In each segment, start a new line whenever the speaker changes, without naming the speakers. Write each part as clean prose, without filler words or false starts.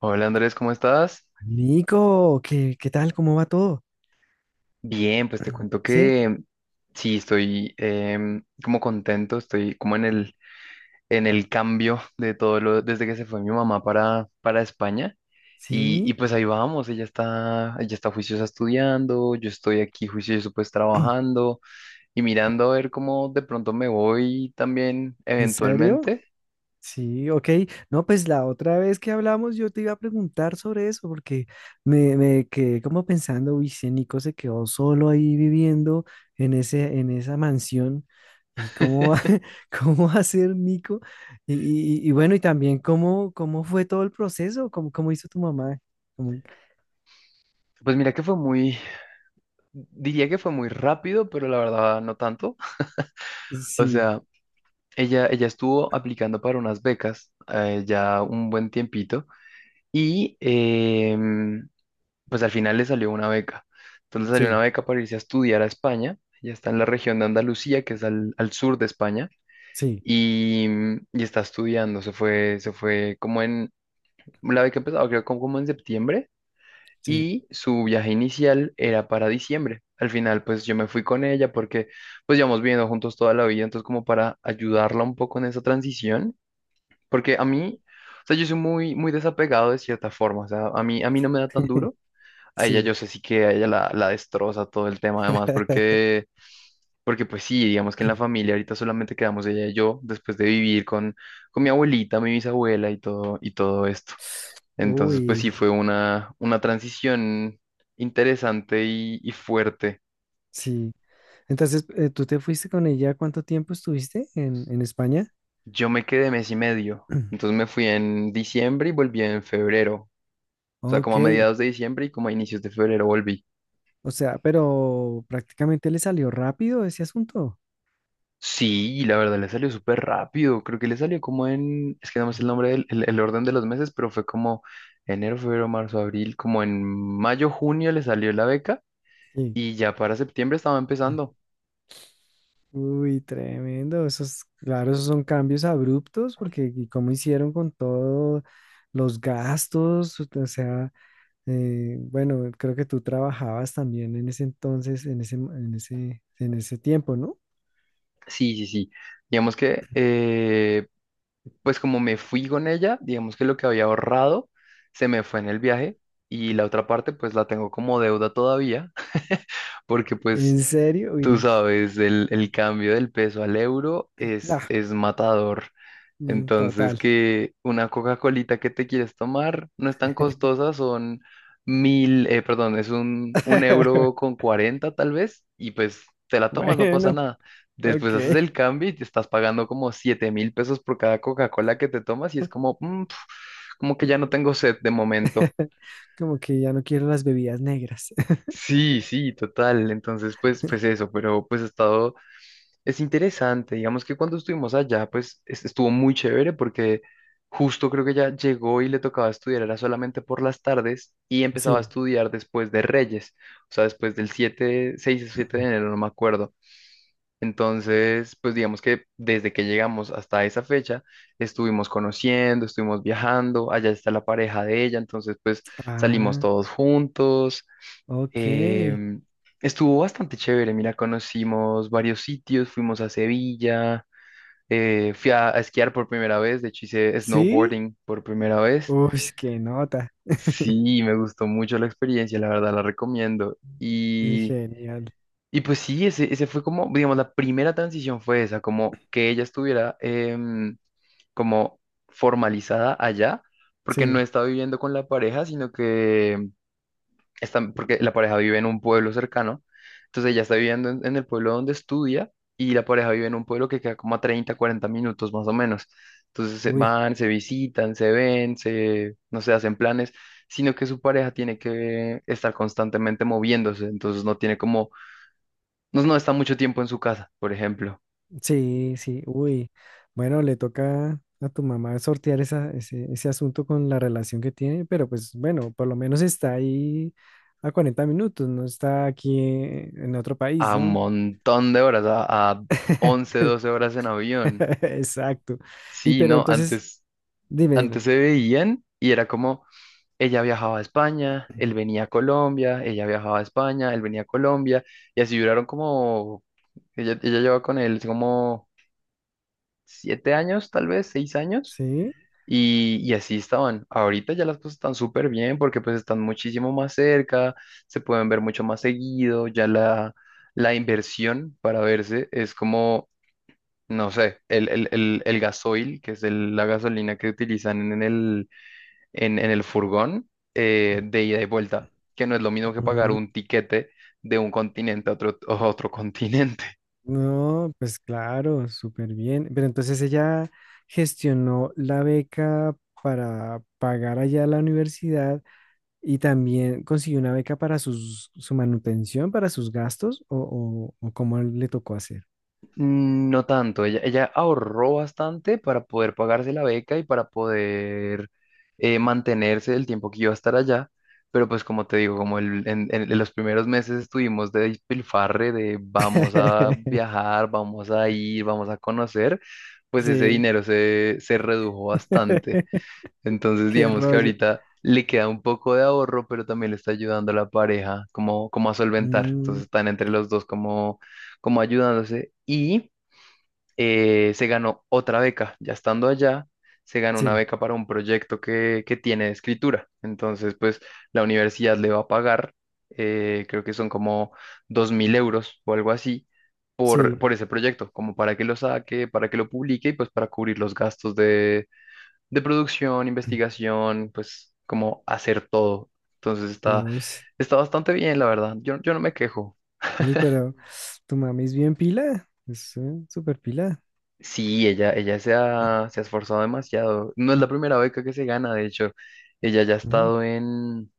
Hola Andrés, ¿cómo estás?
Nico, ¿qué tal? ¿Cómo va todo?
Bien, pues te cuento
¿Sí?
que sí, estoy como contento, estoy como en el cambio de todo lo, desde que se fue mi mamá para España. Y,
¿Sí?
y pues ahí vamos, ella está juiciosa estudiando, yo estoy aquí juicioso pues trabajando y mirando a ver cómo de pronto me voy también
¿En serio?
eventualmente.
Sí, ok. No, pues la otra vez que hablamos yo te iba a preguntar sobre eso porque me quedé como pensando, uy, si Nico se quedó solo ahí viviendo en esa mansión y cómo, cómo va a ser Nico. Y, y bueno, y también cómo, cómo fue todo el proceso, cómo, cómo hizo tu mamá. Cómo-
Pues mira que diría que fue muy rápido, pero la verdad no tanto. O
Sí,
sea, ella estuvo aplicando para unas becas ya un buen tiempito y pues al final le salió una beca. Entonces le salió una
sí,
beca para irse a estudiar a España. Ella está en la región de Andalucía, que es al sur de España,
sí,
y, y está estudiando. Se fue como en, la beca empezó creo como en septiembre
sí,
y su viaje inicial era para diciembre. Al final pues yo me fui con ella porque pues llevamos viviendo juntos toda la vida, entonces como para ayudarla un poco en esa transición porque a mí, o sea, yo soy muy, muy desapegado de cierta forma, o sea, a mí no me da tan duro. A ella
sí.
yo sé sí que a ella la destroza todo el tema además, porque pues sí, digamos que en la familia ahorita solamente quedamos ella y yo después de vivir con mi abuelita, mi bisabuela y todo esto. Entonces, pues
Uy,
sí, fue una transición interesante y fuerte.
sí. Entonces, ¿tú te fuiste con ella? ¿Cuánto tiempo estuviste en España?
Yo me quedé mes y medio, entonces me fui en diciembre y volví en febrero, o sea, como
Ok,
a mediados de diciembre y como a inicios de febrero volví.
o sea, pero prácticamente le salió rápido ese asunto.
Sí, la verdad le salió súper rápido. Creo que le salió como en, es que no me sé el nombre del el orden de los meses, pero fue como enero, febrero, marzo, abril, como en mayo, junio le salió la beca
Sí.
y ya para septiembre estaba empezando.
Uy, tremendo. Esos, claro, esos son cambios abruptos porque ¿y cómo hicieron con todos los gastos? O sea, bueno, creo que tú trabajabas también en ese entonces, en ese tiempo, ¿no?
Sí, sí, sí. Digamos que, pues como me fui con ella, digamos que lo que había ahorrado se me fue en el viaje y la otra parte pues la tengo como deuda todavía, porque pues
¿En serio?
tú
Y
sabes, el cambio del peso al euro
nah,
es matador.
mm,
Entonces,
total.
que una Coca-Colita que te quieres tomar no es tan costosa, son mil, perdón, es un euro con cuarenta tal vez, y pues te la tomas, no pasa
Bueno,
nada. Después
ok.
haces el cambio y te estás pagando como 7.000 pesos por cada Coca-Cola que te tomas, y es como, "Mm, pf, como que ya no tengo sed de momento".
Como que ya no quiero las bebidas negras.
Sí, sí, total. Entonces, pues, pues eso, pero pues he estado Es interesante, digamos que cuando estuvimos allá, pues estuvo muy chévere porque justo creo que ya llegó y le tocaba estudiar, era solamente por las tardes y empezaba a
Sí.
estudiar después de Reyes, o sea, después del 7 6 o 7 de enero, no me acuerdo. Entonces, pues digamos que desde que llegamos hasta esa fecha, estuvimos conociendo, estuvimos viajando, allá está la pareja de ella, entonces pues salimos
Ah,
todos juntos.
ok.
Em, Estuvo bastante chévere, mira, conocimos varios sitios, fuimos a Sevilla, fui a esquiar por primera vez, de hecho hice
¿Sí?
snowboarding por primera vez.
Uy, qué nota.
Sí, me gustó mucho la experiencia, la verdad la recomiendo.
Sí,
Y,
genial.
y pues sí, ese fue como, digamos, la primera transición fue esa, como que ella estuviera como formalizada allá, porque
Sí,
no estaba viviendo con la pareja, sino que están, porque la pareja vive en un pueblo cercano, entonces ella está viviendo en el pueblo donde estudia y la pareja vive en un pueblo que queda como a 30 40 minutos más o menos. Entonces se
uy,
van, se visitan, se ven, se, no sé, hacen planes, sino que su pareja tiene que estar constantemente moviéndose, entonces no tiene como, no está mucho tiempo en su casa, por ejemplo,
sí, sí, uy. Bueno, le toca a tu mamá sortear esa, ese asunto con la relación que tiene, pero pues bueno, por lo menos está ahí a 40 minutos, no está aquí en otro país,
a un
¿no?
montón de horas, a 11, 12 horas en avión.
Exacto. Y
Sí,
pero
no,
entonces,
antes,
dime,
antes
dime.
se veían y era como ella viajaba a España, él venía a Colombia, ella viajaba a España, él venía a Colombia, y así duraron como, ella lleva con él como 7 años, tal vez, 6 años,
Sí,
y así estaban. Ahorita ya las cosas están súper bien porque pues están muchísimo más cerca, se pueden ver mucho más seguido, ya la inversión para verse es como, no sé, el gasoil, que es la gasolina que utilizan en el furgón, de ida y vuelta, que no es lo mismo que pagar
mm,
un tiquete de un continente a otro continente.
no, pues claro, súper bien. Pero entonces ella gestionó la beca para pagar allá la universidad y también consiguió una beca para sus, su manutención, para sus gastos, o cómo le tocó hacer.
No tanto, ella ahorró bastante para poder pagarse la beca y para poder mantenerse el tiempo que iba a estar allá. Pero pues como te digo, como en los primeros meses estuvimos de despilfarre, de vamos a viajar, vamos a ir, vamos a conocer, pues ese
Sí,
dinero se redujo bastante. Entonces,
qué
digamos que
rollo.
ahorita le queda un poco de ahorro, pero también le está ayudando a la pareja como a solventar.
Mm,
Entonces, están entre los dos como, como ayudándose. Y se ganó otra beca. Ya estando allá, se ganó una
sí,
beca para un proyecto que tiene de escritura. Entonces, pues la universidad le va a pagar, creo que son como 2.000 euros o algo así. Por,
sí.
por ese proyecto, como para que lo saque, para que lo publique y pues para cubrir los gastos de producción, investigación, pues como hacer todo. Entonces está,
Uy,
está bastante bien, la verdad. Yo no me quejo.
Uy, pero tu mami es bien pila, es súper pila.
Sí, ella se ha esforzado demasiado. No es la primera beca que se gana, de hecho. Ella ya ha
Ujú.
estado en,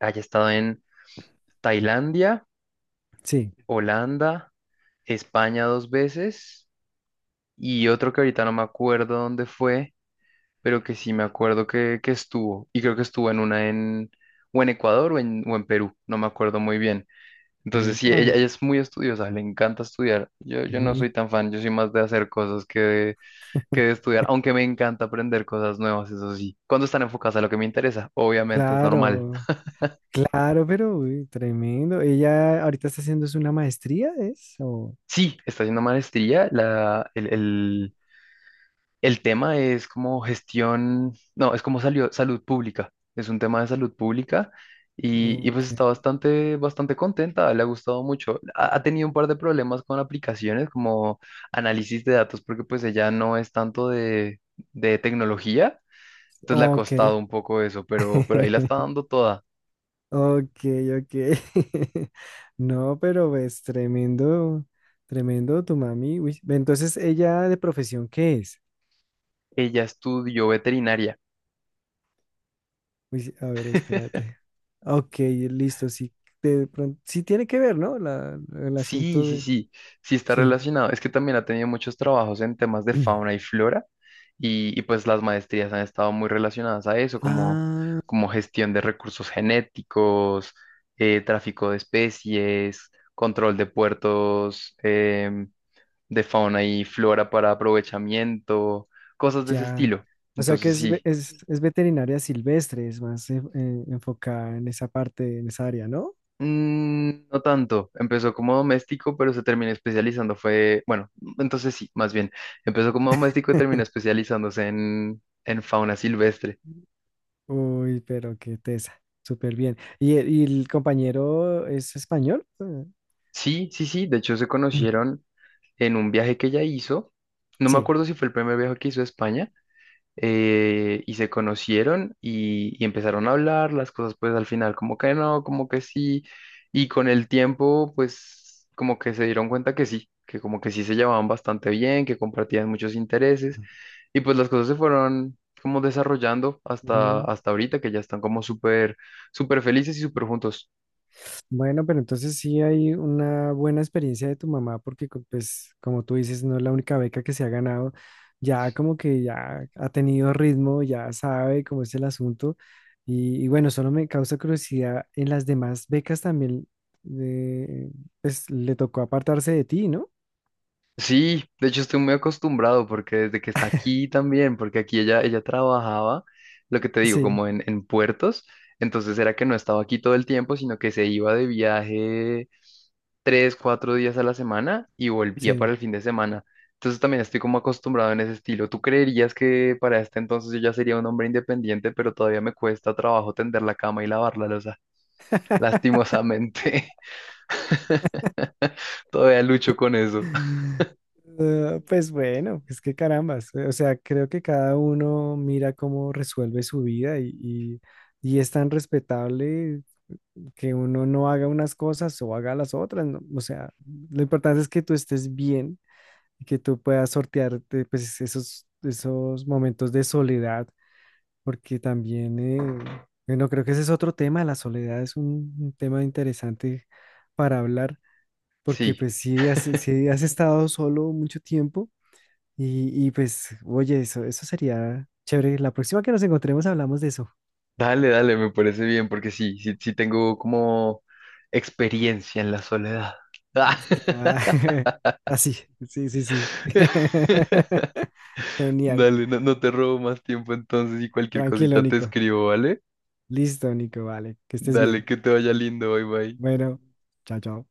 haya estado en Tailandia,
Sí.
Holanda, España 2 veces y otro que ahorita no me acuerdo dónde fue, pero que sí me acuerdo que estuvo. Y creo que estuvo en una en, o en Ecuador o o en Perú, no me acuerdo muy bien. Entonces, sí,
Upa.
ella es muy estudiosa, le encanta estudiar. Yo no
Uy,
soy tan fan, yo soy más de hacer cosas que de, estudiar, aunque me encanta aprender cosas nuevas, eso sí. Cuando están enfocadas a lo que me interesa, obviamente es normal.
Claro, claro, pero uy, tremendo. Ella ahorita está haciendo es una maestría, ¿es?
Sí, está haciendo maestría, el tema es como gestión, no, es como salió salud pública. Es un tema de salud pública y pues está
Ok,
bastante, bastante contenta, le ha gustado mucho. Ha tenido un par de problemas con aplicaciones como análisis de datos porque pues ella no es tanto de tecnología, entonces le ha
ok,
costado un poco eso, pero ahí la está dando toda.
ok, ok. No, pero es tremendo, tremendo tu mami. Uy, ve, entonces, ¿ella de profesión qué es?
Ella estudió veterinaria.
Uy, sí, a ver, espérate. Ok, listo, sí. De pronto, sí tiene que ver, ¿no? El
Sí,
asunto
sí,
de...
sí, sí está
Sí.
relacionado. Es que también ha tenido muchos trabajos en temas de fauna y flora y pues las maestrías han estado muy relacionadas a eso, como,
Ah,
como gestión de recursos genéticos, tráfico de especies, control de puertos, de fauna y flora para aprovechamiento, cosas de ese
ya.
estilo.
O sea que
Entonces
es,
sí,
es veterinaria silvestre, es más enfocada en esa parte, en esa área, ¿no?
No tanto. Empezó como doméstico, pero se terminó especializando. Bueno, entonces sí, más bien. Empezó como doméstico y terminó especializándose en fauna silvestre.
Uy, pero qué tesa. Súper bien. ¿Y, el compañero es español?
Sí, sí, sí. De hecho, se conocieron en un viaje que ella hizo. No me acuerdo si fue el primer viaje que hizo a España, y se conocieron y empezaron a hablar, las cosas pues al final como que no, como que sí, y con el tiempo pues como que se dieron cuenta que sí, que como que sí se llevaban bastante bien, que compartían muchos intereses y pues las cosas se fueron como desarrollando
Sí.
hasta ahorita que ya están como súper, súper felices y súper juntos.
Bueno, pero entonces sí hay una buena experiencia de tu mamá porque pues como tú dices, no es la única beca que se ha ganado, ya como que ya ha tenido ritmo, ya sabe cómo es el asunto y bueno, solo me causa curiosidad, en las demás becas también eh, pues le tocó apartarse de ti, ¿no?
Sí, de hecho estoy muy acostumbrado porque desde que está aquí también, porque aquí ella trabajaba, lo que te digo,
Sí,
como en puertos, entonces era que no estaba aquí todo el tiempo, sino que se iba de viaje 3, 4 días a la semana y volvía
sí.
para el fin de semana. Entonces también estoy como acostumbrado en ese estilo. ¿Tú creerías que para este entonces yo ya sería un hombre independiente, pero todavía me cuesta trabajo tender la cama y lavar la loza? Lastimosamente, todavía lucho con eso.
Ah, pues bueno, es que carambas, o sea, creo que cada uno mira cómo resuelve su vida y es tan respetable que uno no haga unas cosas o haga las otras, ¿no? O sea, lo importante es que tú estés bien y que tú puedas sortearte pues esos, esos momentos de soledad, porque también, bueno, creo que ese es otro tema, la soledad es un tema interesante para hablar, porque
Sí.
pues si has, si has estado solo mucho tiempo y pues, oye, eso sería chévere. La próxima que nos encontremos hablamos de eso.
Dale, dale, me parece bien, porque sí, sí, sí tengo como experiencia en la soledad. Ah.
Ah, Así, sí, sí, sí. Genial.
Dale, no te robo más tiempo entonces y cualquier
Tranquilo,
cosita te
Nico.
escribo, ¿vale?
Listo, Nico, vale. Que estés
Dale,
bien.
que te vaya lindo, bye bye.
Bueno, chao, chao.